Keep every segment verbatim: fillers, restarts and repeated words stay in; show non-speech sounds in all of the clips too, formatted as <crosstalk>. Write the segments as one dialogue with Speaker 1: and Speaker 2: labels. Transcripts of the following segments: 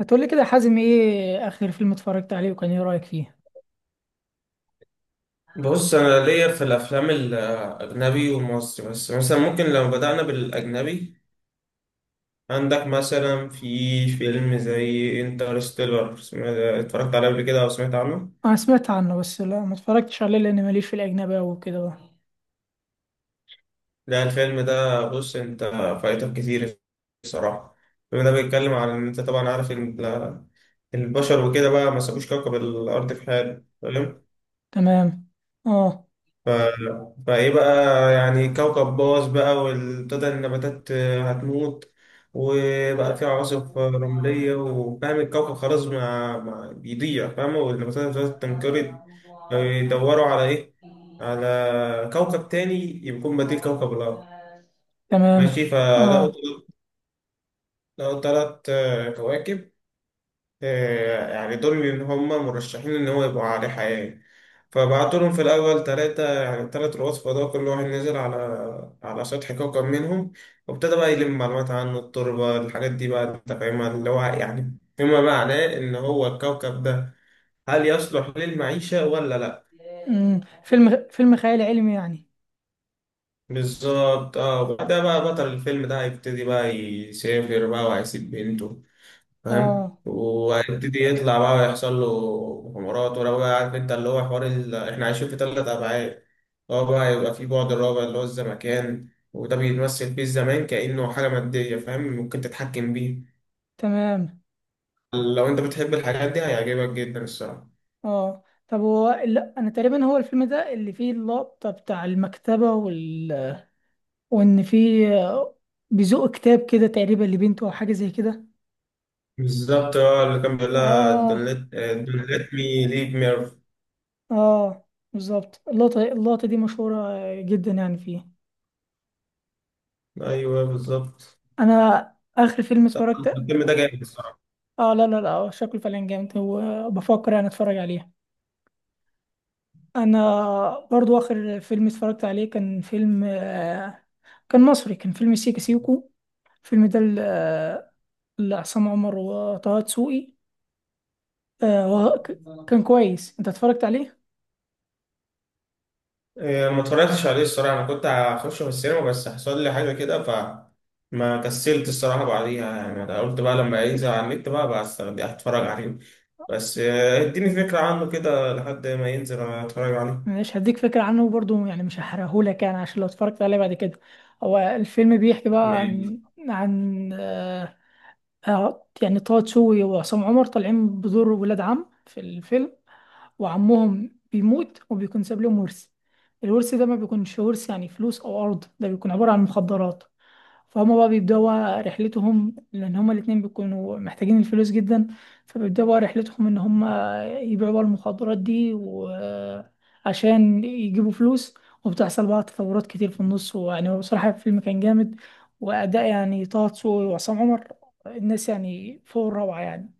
Speaker 1: هتقولي كده يا حازم، ايه اخر فيلم اتفرجت عليه وكان ايه رأيك فيه؟
Speaker 2: بص، انا ليا في الافلام الاجنبي والمصري، بس مثلا ممكن لو بدأنا بالاجنبي. عندك مثلا في فيلم زي انترستيلر، اتفرجت عليه قبل كده او سمعت عنه؟
Speaker 1: انا سمعت عنه، بس لا ما اتفرجتش عليه لان ماليش في الاجنبي أوي وكده بقى.
Speaker 2: لا، الفيلم ده بص انت فايتك كتير الصراحة. الفيلم ده بيتكلم عن ان انت طبعا عارف ان ال- البشر وكده بقى ما سابوش كوكب الارض في حاله تمام.
Speaker 1: تمام. اه.
Speaker 2: ف... فايه بقى، يعني كوكب باظ بقى وابتدى النباتات هتموت، وبقى في عواصف رملية وفاهم الكوكب خلاص ما... ما بيضيع فاهمة، والنباتات ابتدت تنقرض. فبيدوروا على ايه؟ على كوكب تاني يكون بديل كوكب الأرض.
Speaker 1: تمام.
Speaker 2: ماشي، فلقوا
Speaker 1: اه.
Speaker 2: لقوا تلات كواكب. آه، يعني دول اللي هم مرشحين إن هو يبقوا عليه حياة. فبعتوا لهم في الأول تلاتة، يعني التلات رؤوس فضاء كل واحد نزل على على سطح كوكب منهم، وابتدى بقى يلم معلومات عن التربة، الحاجات دي بقى أنت فاهمها اللي هو يعني فيما معناه إن هو الكوكب ده هل يصلح للمعيشة ولا لأ.
Speaker 1: امم فيلم فيلم خيال علمي يعني.
Speaker 2: بالظبط اه، وبعدها بقى بطل الفيلم ده هيبتدي بقى يسافر بقى وهيسيب بنته، فاهم،
Speaker 1: اه.
Speaker 2: وهيبتدي يطلع بقى ويحصل له حمارات، ولو بقى عارف انت اللي هو حوار ال... احنا عايشين في ثلاث ابعاد، هو بقى يبقى في بعد الرابع اللي هو الزمكان، وده بيتمثل فيه الزمان كأنه حاجة مادية، فاهم، ممكن تتحكم بيه.
Speaker 1: تمام.
Speaker 2: لو انت بتحب الحاجات دي هيعجبك جدا الصراحة.
Speaker 1: اه، طب هو لا انا تقريبا هو الفيلم ده اللي فيه اللقطة بتاع المكتبة وال وان فيه، آه، بيزق كتاب كده تقريبا لبنته او حاجة زي كده.
Speaker 2: بالظبط اه، اللي كان بيقول لها
Speaker 1: اه.
Speaker 2: دونت مي ليف ميرف.
Speaker 1: اه بالظبط، اللقطة اللقطة دي مشهورة جدا يعني فيه.
Speaker 2: ايوه بالظبط،
Speaker 1: انا اخر فيلم اتفرجت.
Speaker 2: الفيلم ده جامد
Speaker 1: اه، لا لا لا، شكله فعلا جامد وبفكر انا اتفرج عليه. انا برضو اخر فيلم اتفرجت عليه كان فيلم آه، كان مصري، كان فيلم سيكا سيكو. الفيلم ده ل- آه، لعصام عمر وطه دسوقي. آه، وه-
Speaker 2: الصراحة.
Speaker 1: ك- كان كويس، انت اتفرجت عليه؟
Speaker 2: إيه، ما اتفرجتش عليه الصراحة. أنا كنت هخش في السينما بس حصل لي حاجة كده فما كسلت الصراحة بعديها، يعني أنا قلت بقى لما ينزل على النت بقى بس هتفرج عليه. بس آه، اديني فكرة عنه كده لحد ما ينزل اتفرج عليه.
Speaker 1: مش هديك فكرة عنه برضو يعني، مش هحرقهولك يعني عشان لو اتفرجت عليه بعد كده. هو الفيلم بيحكي بقى
Speaker 2: ماشي.
Speaker 1: عن عن آه، آه، يعني طه دسوقي وعصام عمر طالعين بدور ولاد عم في الفيلم، وعمهم بيموت وبيكون ساب لهم ورث. الورث ده ما بيكونش ورث يعني فلوس او ارض، ده بيكون عبارة عن مخدرات. فهم بقى بيبدأوا بقى رحلتهم لأن هما الاتنين بيكونوا محتاجين الفلوس جدا، فبيبدأوا بقى رحلتهم إن هما يبيعوا بقى المخدرات دي وعشان يجيبوا فلوس. وبتحصل بقى تطورات كتير في النص، ويعني هو بصراحة الفيلم كان جامد، وأداء يعني طه دسوقي وعصام عمر الناس يعني فوق الروعة يعني.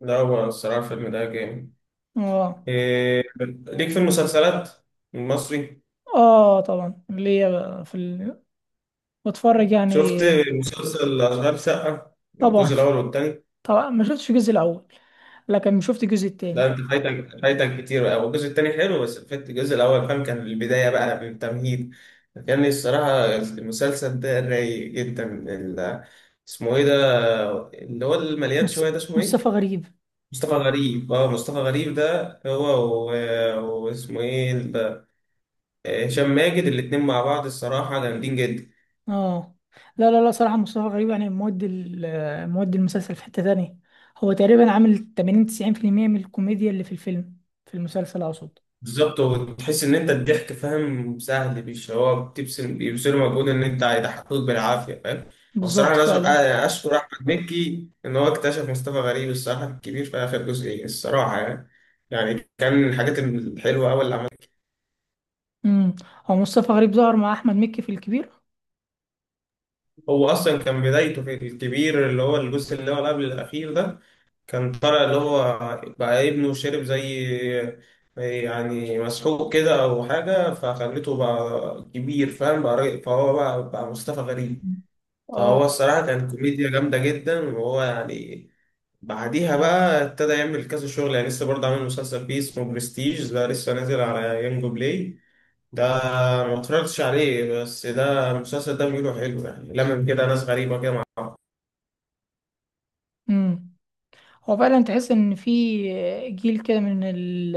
Speaker 2: لا، هو الصراحة الفيلم ده جامد.
Speaker 1: اه.
Speaker 2: إيه، ليك في المسلسلات المصري،
Speaker 1: اه طبعا، اللي هي بقى في ال... بتفرج يعني.
Speaker 2: شفت مسلسل أشغال شقة
Speaker 1: طبعا
Speaker 2: الجزء الأول والتاني؟
Speaker 1: <laughs> طبعا ما شفتش الجزء الأول، لكن شفت الجزء
Speaker 2: ده
Speaker 1: التاني.
Speaker 2: انت فايتك فايتك كتير بقى، والجزء التاني حلو بس فات الجزء الاول، فاهم، كان البدايه بقى بالتمهيد. كان الصراحه المسلسل ده رايق جدا. ال- اسمه ايه ده؟ اللي هو المليان
Speaker 1: مص-
Speaker 2: شويه ده اسمه ايه؟
Speaker 1: مصطفى غريب.
Speaker 2: مصطفى غريب. اه، مصطفى غريب ده هو و- واسمه ايه ال- هشام ماجد. الاتنين مع بعض الصراحه جامدين جدا.
Speaker 1: اه لا لا لا، صراحة مصطفى غريب يعني مودي ال- مودي المسلسل في حتة تانية. هو تقريبا عامل تمانين تسعين في المية من الكوميديا اللي في الفيلم، في المسلسل اقصد.
Speaker 2: بالظبط، وتحس ان انت الضحك، فاهم، سهل، مش هو بتبذل بيبذلوا مجهود ان انت هيضحكوك بالعافيه، فاهم. وصراحه
Speaker 1: بالظبط
Speaker 2: انا أشكر,
Speaker 1: فعلا.
Speaker 2: أنا اشكر احمد مكي ان هو اكتشف مصطفى غريب الصراحه الكبير في اخر جزئين الصراحه يعني، يعني كان من الحاجات الحلوه قوي اللي عملها.
Speaker 1: امم هو مصطفى غريب ظهر مع احمد مكي في الكبير.
Speaker 2: هو اصلا كان بدايته في الكبير اللي هو الجزء اللي هو قبل الاخير ده، كان طالع اللي هو بقى ابنه شرب زي يعني مسحوق كده أو حاجة فخلته بقى كبير، فاهم، بقى راجل- فهو بقى بقى مصطفى غريب.
Speaker 1: مم. اه.
Speaker 2: فهو الصراحة كان كوميديا جامدة جدا، وهو يعني بعديها بقى ابتدى يعمل كذا شغل، يعني لسه برضه عامل مسلسل فيه اسمه برستيج ده لسه نازل على يانجو بلاي ده، ما اتفرجتش عليه بس ده المسلسل ده بيقولوا حلو، يعني لمم كده ناس غريبة كده مع بعض.
Speaker 1: امم هو فعلا تحس ان في جيل كده من ال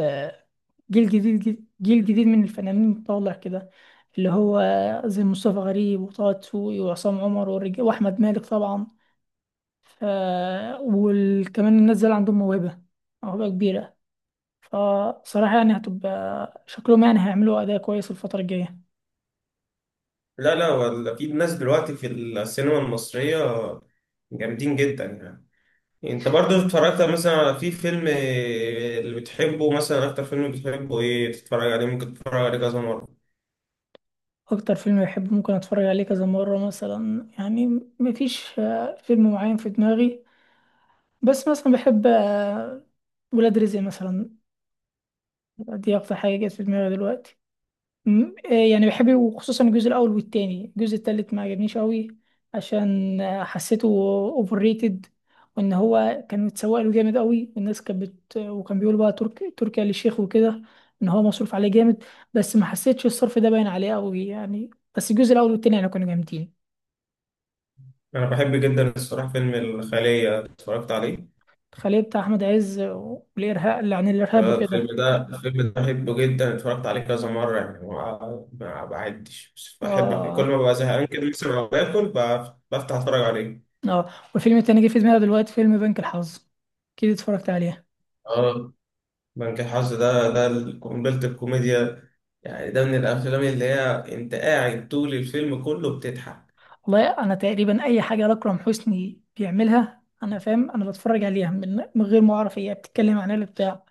Speaker 1: جيل جديد جيل جديد من الفنانين طالع كده، اللي هو زي مصطفى غريب وطه دسوقي وعصام عمر والرجال واحمد مالك طبعا. آه، وكمان الناس دول عندهم موهبة موهبة كبيرة. فصراحة يعني هتبقى شكلهم يعني هيعملوا أداء كويس الفترة الجاية.
Speaker 2: لا لا، ولا في ناس دلوقتي في السينما المصرية جامدين جدا يعني. انت برضو اتفرجت مثلا على في فيلم اللي بتحبه؟ مثلا اكتر فيلم بتحبه ايه تتفرج عليه؟ ممكن تتفرج عليه كذا مرة؟
Speaker 1: أكتر فيلم بحبه ممكن أتفرج عليه كذا مرة مثلا يعني، مفيش آه فيلم معين في دماغي، بس مثلا بحب آه ولاد رزق مثلا. دي أكتر حاجة جت في دماغي دلوقتي. م- إيه يعني بحب، وخصوصا الجزء الاول والتاني، الجزء التالت ما عجبنيش قوي عشان آه، حسيته اوفر ريتد، وان هو كان متسوق له جامد قوي والناس كانت بت... وكان بيقول بقى ترك... تركيا للشيخ وكده، ان هو مصروف عليه جامد، بس ما حسيتش الصرف ده باين عليه قوي يعني. بس الجزء الاول والتاني يعني كانوا جامدين.
Speaker 2: انا بحب جدا الصراحة فيلم الخلية، اتفرجت عليه.
Speaker 1: الخلية بتاع احمد عز والارهاب اللي عن الارهاب
Speaker 2: آه،
Speaker 1: وكده.
Speaker 2: الفيلم ده الفيلم ده بحبه جدا، اتفرجت عليه كذا مرة يعني، ما ما بعدش، بس بحب كل
Speaker 1: اه.
Speaker 2: ما ببقى زهقان كده مثلا او باكل بف- بفتح اتفرج عليه.
Speaker 1: اه، والفيلم التاني جه في دماغي دلوقتي فيلم بنك الحظ، اكيد اتفرجت عليه.
Speaker 2: اه. بنك الحظ ده ده ال- قنبلة الكوميديا، يعني ده من الأفلام اللي هي أنت قاعد طول الفيلم كله بتضحك.
Speaker 1: والله انا تقريبا اي حاجه اكرم حسني بيعملها انا فاهم انا بتفرج عليها من من غير ما اعرف هي بتتكلم عن ايه ولا بتاع.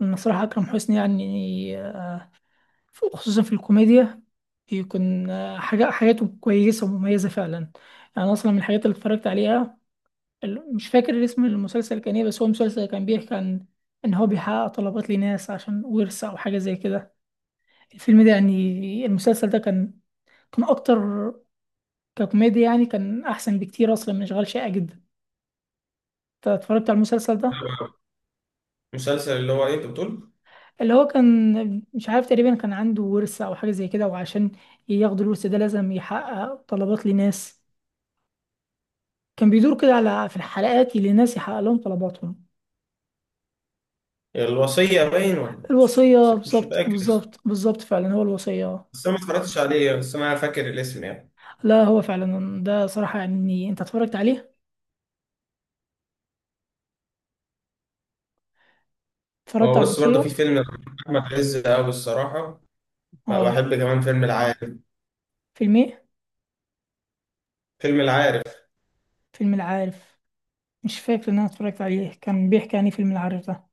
Speaker 1: انا صراحه اكرم حسني يعني آه، خصوصا في الكوميديا يكون آه، حاجه حاجاته كويسه ومميزه فعلا يعني. أنا اصلا من الحاجات اللي اتفرجت عليها، ال- مش فاكر اسم المسلسل كان ايه، بس هو مسلسل كان بيحكي عن ان هو بيحقق طلبات لناس عشان ورث او حاجه زي كده. الفيلم ده يعني المسلسل ده كان كان اكتر ككوميديا يعني، كان احسن بكتير اصلا من اشغال شاقة جدا. اتفرجت على المسلسل ده
Speaker 2: مسلسل اللي هو إيه أنت بتقول؟
Speaker 1: اللي هو كان مش عارف، تقريبا كان عنده ورث او حاجه زي كده، وعشان ياخد الورث ده لازم يحقق طلبات لناس. كان بيدور كده على في الحلقات اللي الناس يحقق لهم طلباتهم.
Speaker 2: الوصية باين ولا مش؟
Speaker 1: الوصيه،
Speaker 2: مش
Speaker 1: بالظبط
Speaker 2: فاكر،
Speaker 1: بالظبط بالظبط، فعلا هو الوصيه.
Speaker 2: بس أنا ما اتفرجتش عليه بس أنا فاكر الاسم يعني.
Speaker 1: لا هو فعلا ده صراحه يعني انت اتفرجت عليه، اتفرجت
Speaker 2: هو
Speaker 1: على
Speaker 2: بص برضه في
Speaker 1: الوصيه.
Speaker 2: فيلم أحمد عز أوي الصراحة،
Speaker 1: اه.
Speaker 2: بحب كمان فيلم العارف.
Speaker 1: فيلم ايه؟
Speaker 2: فيلم العارف،
Speaker 1: فيلم العارف. مش فاكر ان انا اتفرجت عليه، كان بيحكي عن إيه فيلم العارف ده؟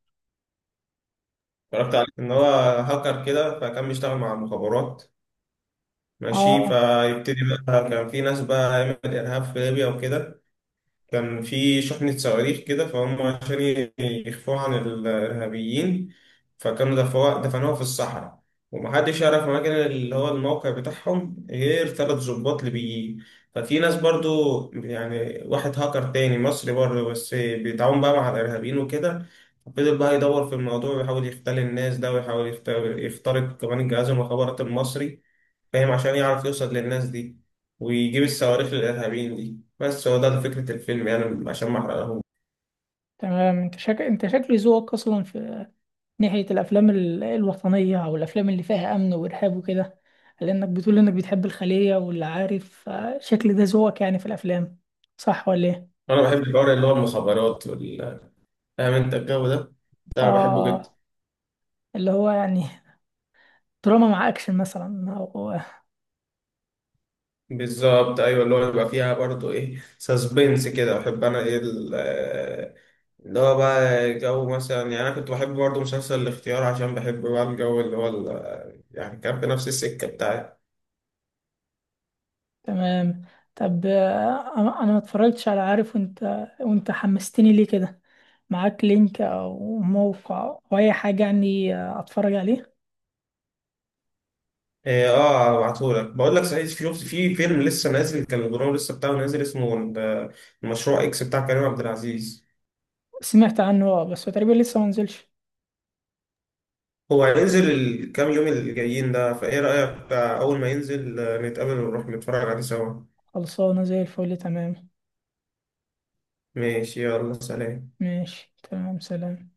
Speaker 2: اتفرجت عليه، إن هو هاكر كده فكان بيشتغل مع المخابرات. ماشي،
Speaker 1: اه
Speaker 2: فيبتدي بقى كان في ناس بقى عمل إرهاب في ليبيا وكده، كان في شحنة صواريخ كده فهم عشان ي- يخفوها عن الإرهابيين، فكانوا دفعوها دفنوها في الصحراء، ومحدش يعرف مكان اللي هو الموقع بتاعهم غير ثلاث ضباط ليبيين. ففي ناس برضو، يعني واحد هاكر تاني مصري برضو بس بيتعاون بقى مع الإرهابيين وكده، فضل بقى يدور في الموضوع ويحاول يختل الناس ده، ويحاول يخت- يخترق كمان الجهاز المخابرات المصري، فاهم، عشان يعرف يوصل للناس دي ويجيب الصواريخ للإرهابيين دي. بس هو ده ده فكرة الفيلم يعني، عشان ما احرقهوش.
Speaker 1: تمام، انت شك... انت شكلي ذوقك اصلا في ناحية الأفلام ال- الوطنية أو الأفلام اللي فيها أمن وإرهاب وكده، لأنك بتقول إنك بتحب الخلية واللي عارف، آه، شكل ده ذوقك يعني في الأفلام. صح ولا إيه؟
Speaker 2: انا بحب الحوار اللي هو المخابرات وال، فاهم انت الجو ده، ده انا بحبه جدا.
Speaker 1: آه، اللي هو يعني <laughs> دراما مع أكشن مثلا أو
Speaker 2: بالظبط، ايوه اللي هو بيبقى فيها برضه ايه سسبنس كده، بحب انا ايه ال- آه، اللي هو بقى جو مثلا، يعني انا كنت بحب برضه مسلسل الاختيار عشان بحب بقى الجو اللي هو ال- يعني كان في نفس السكة بتاعي.
Speaker 1: <laughs> تمام. طب آه، أنا أنا ما اتفرجتش على عارف، وأنت وأنت حمستني ليه كده، معاك لينك أو موقع أو أي حاجة يعني، آه، أتفرج عليه؟
Speaker 2: إيه، اه هبعتهولك. بقول لك صحيح، في في فيلم لسه نازل، كان البرنامج لسه بتاعه نازل اسمه ال- المشروع اكس بتاع كريم عبد العزيز.
Speaker 1: سمعت عنه، آه، بس هو تقريبا لسه ما نزلش.
Speaker 2: هو هينزل الكام يوم اللي جايين ده، فايه رأيك أول ما ينزل آه، نتقابل ونروح نتفرج عليه سوا.
Speaker 1: خلصانة زي الفل، تمام.
Speaker 2: ماشي، يلا سلام.
Speaker 1: ماشي تمام، سلام.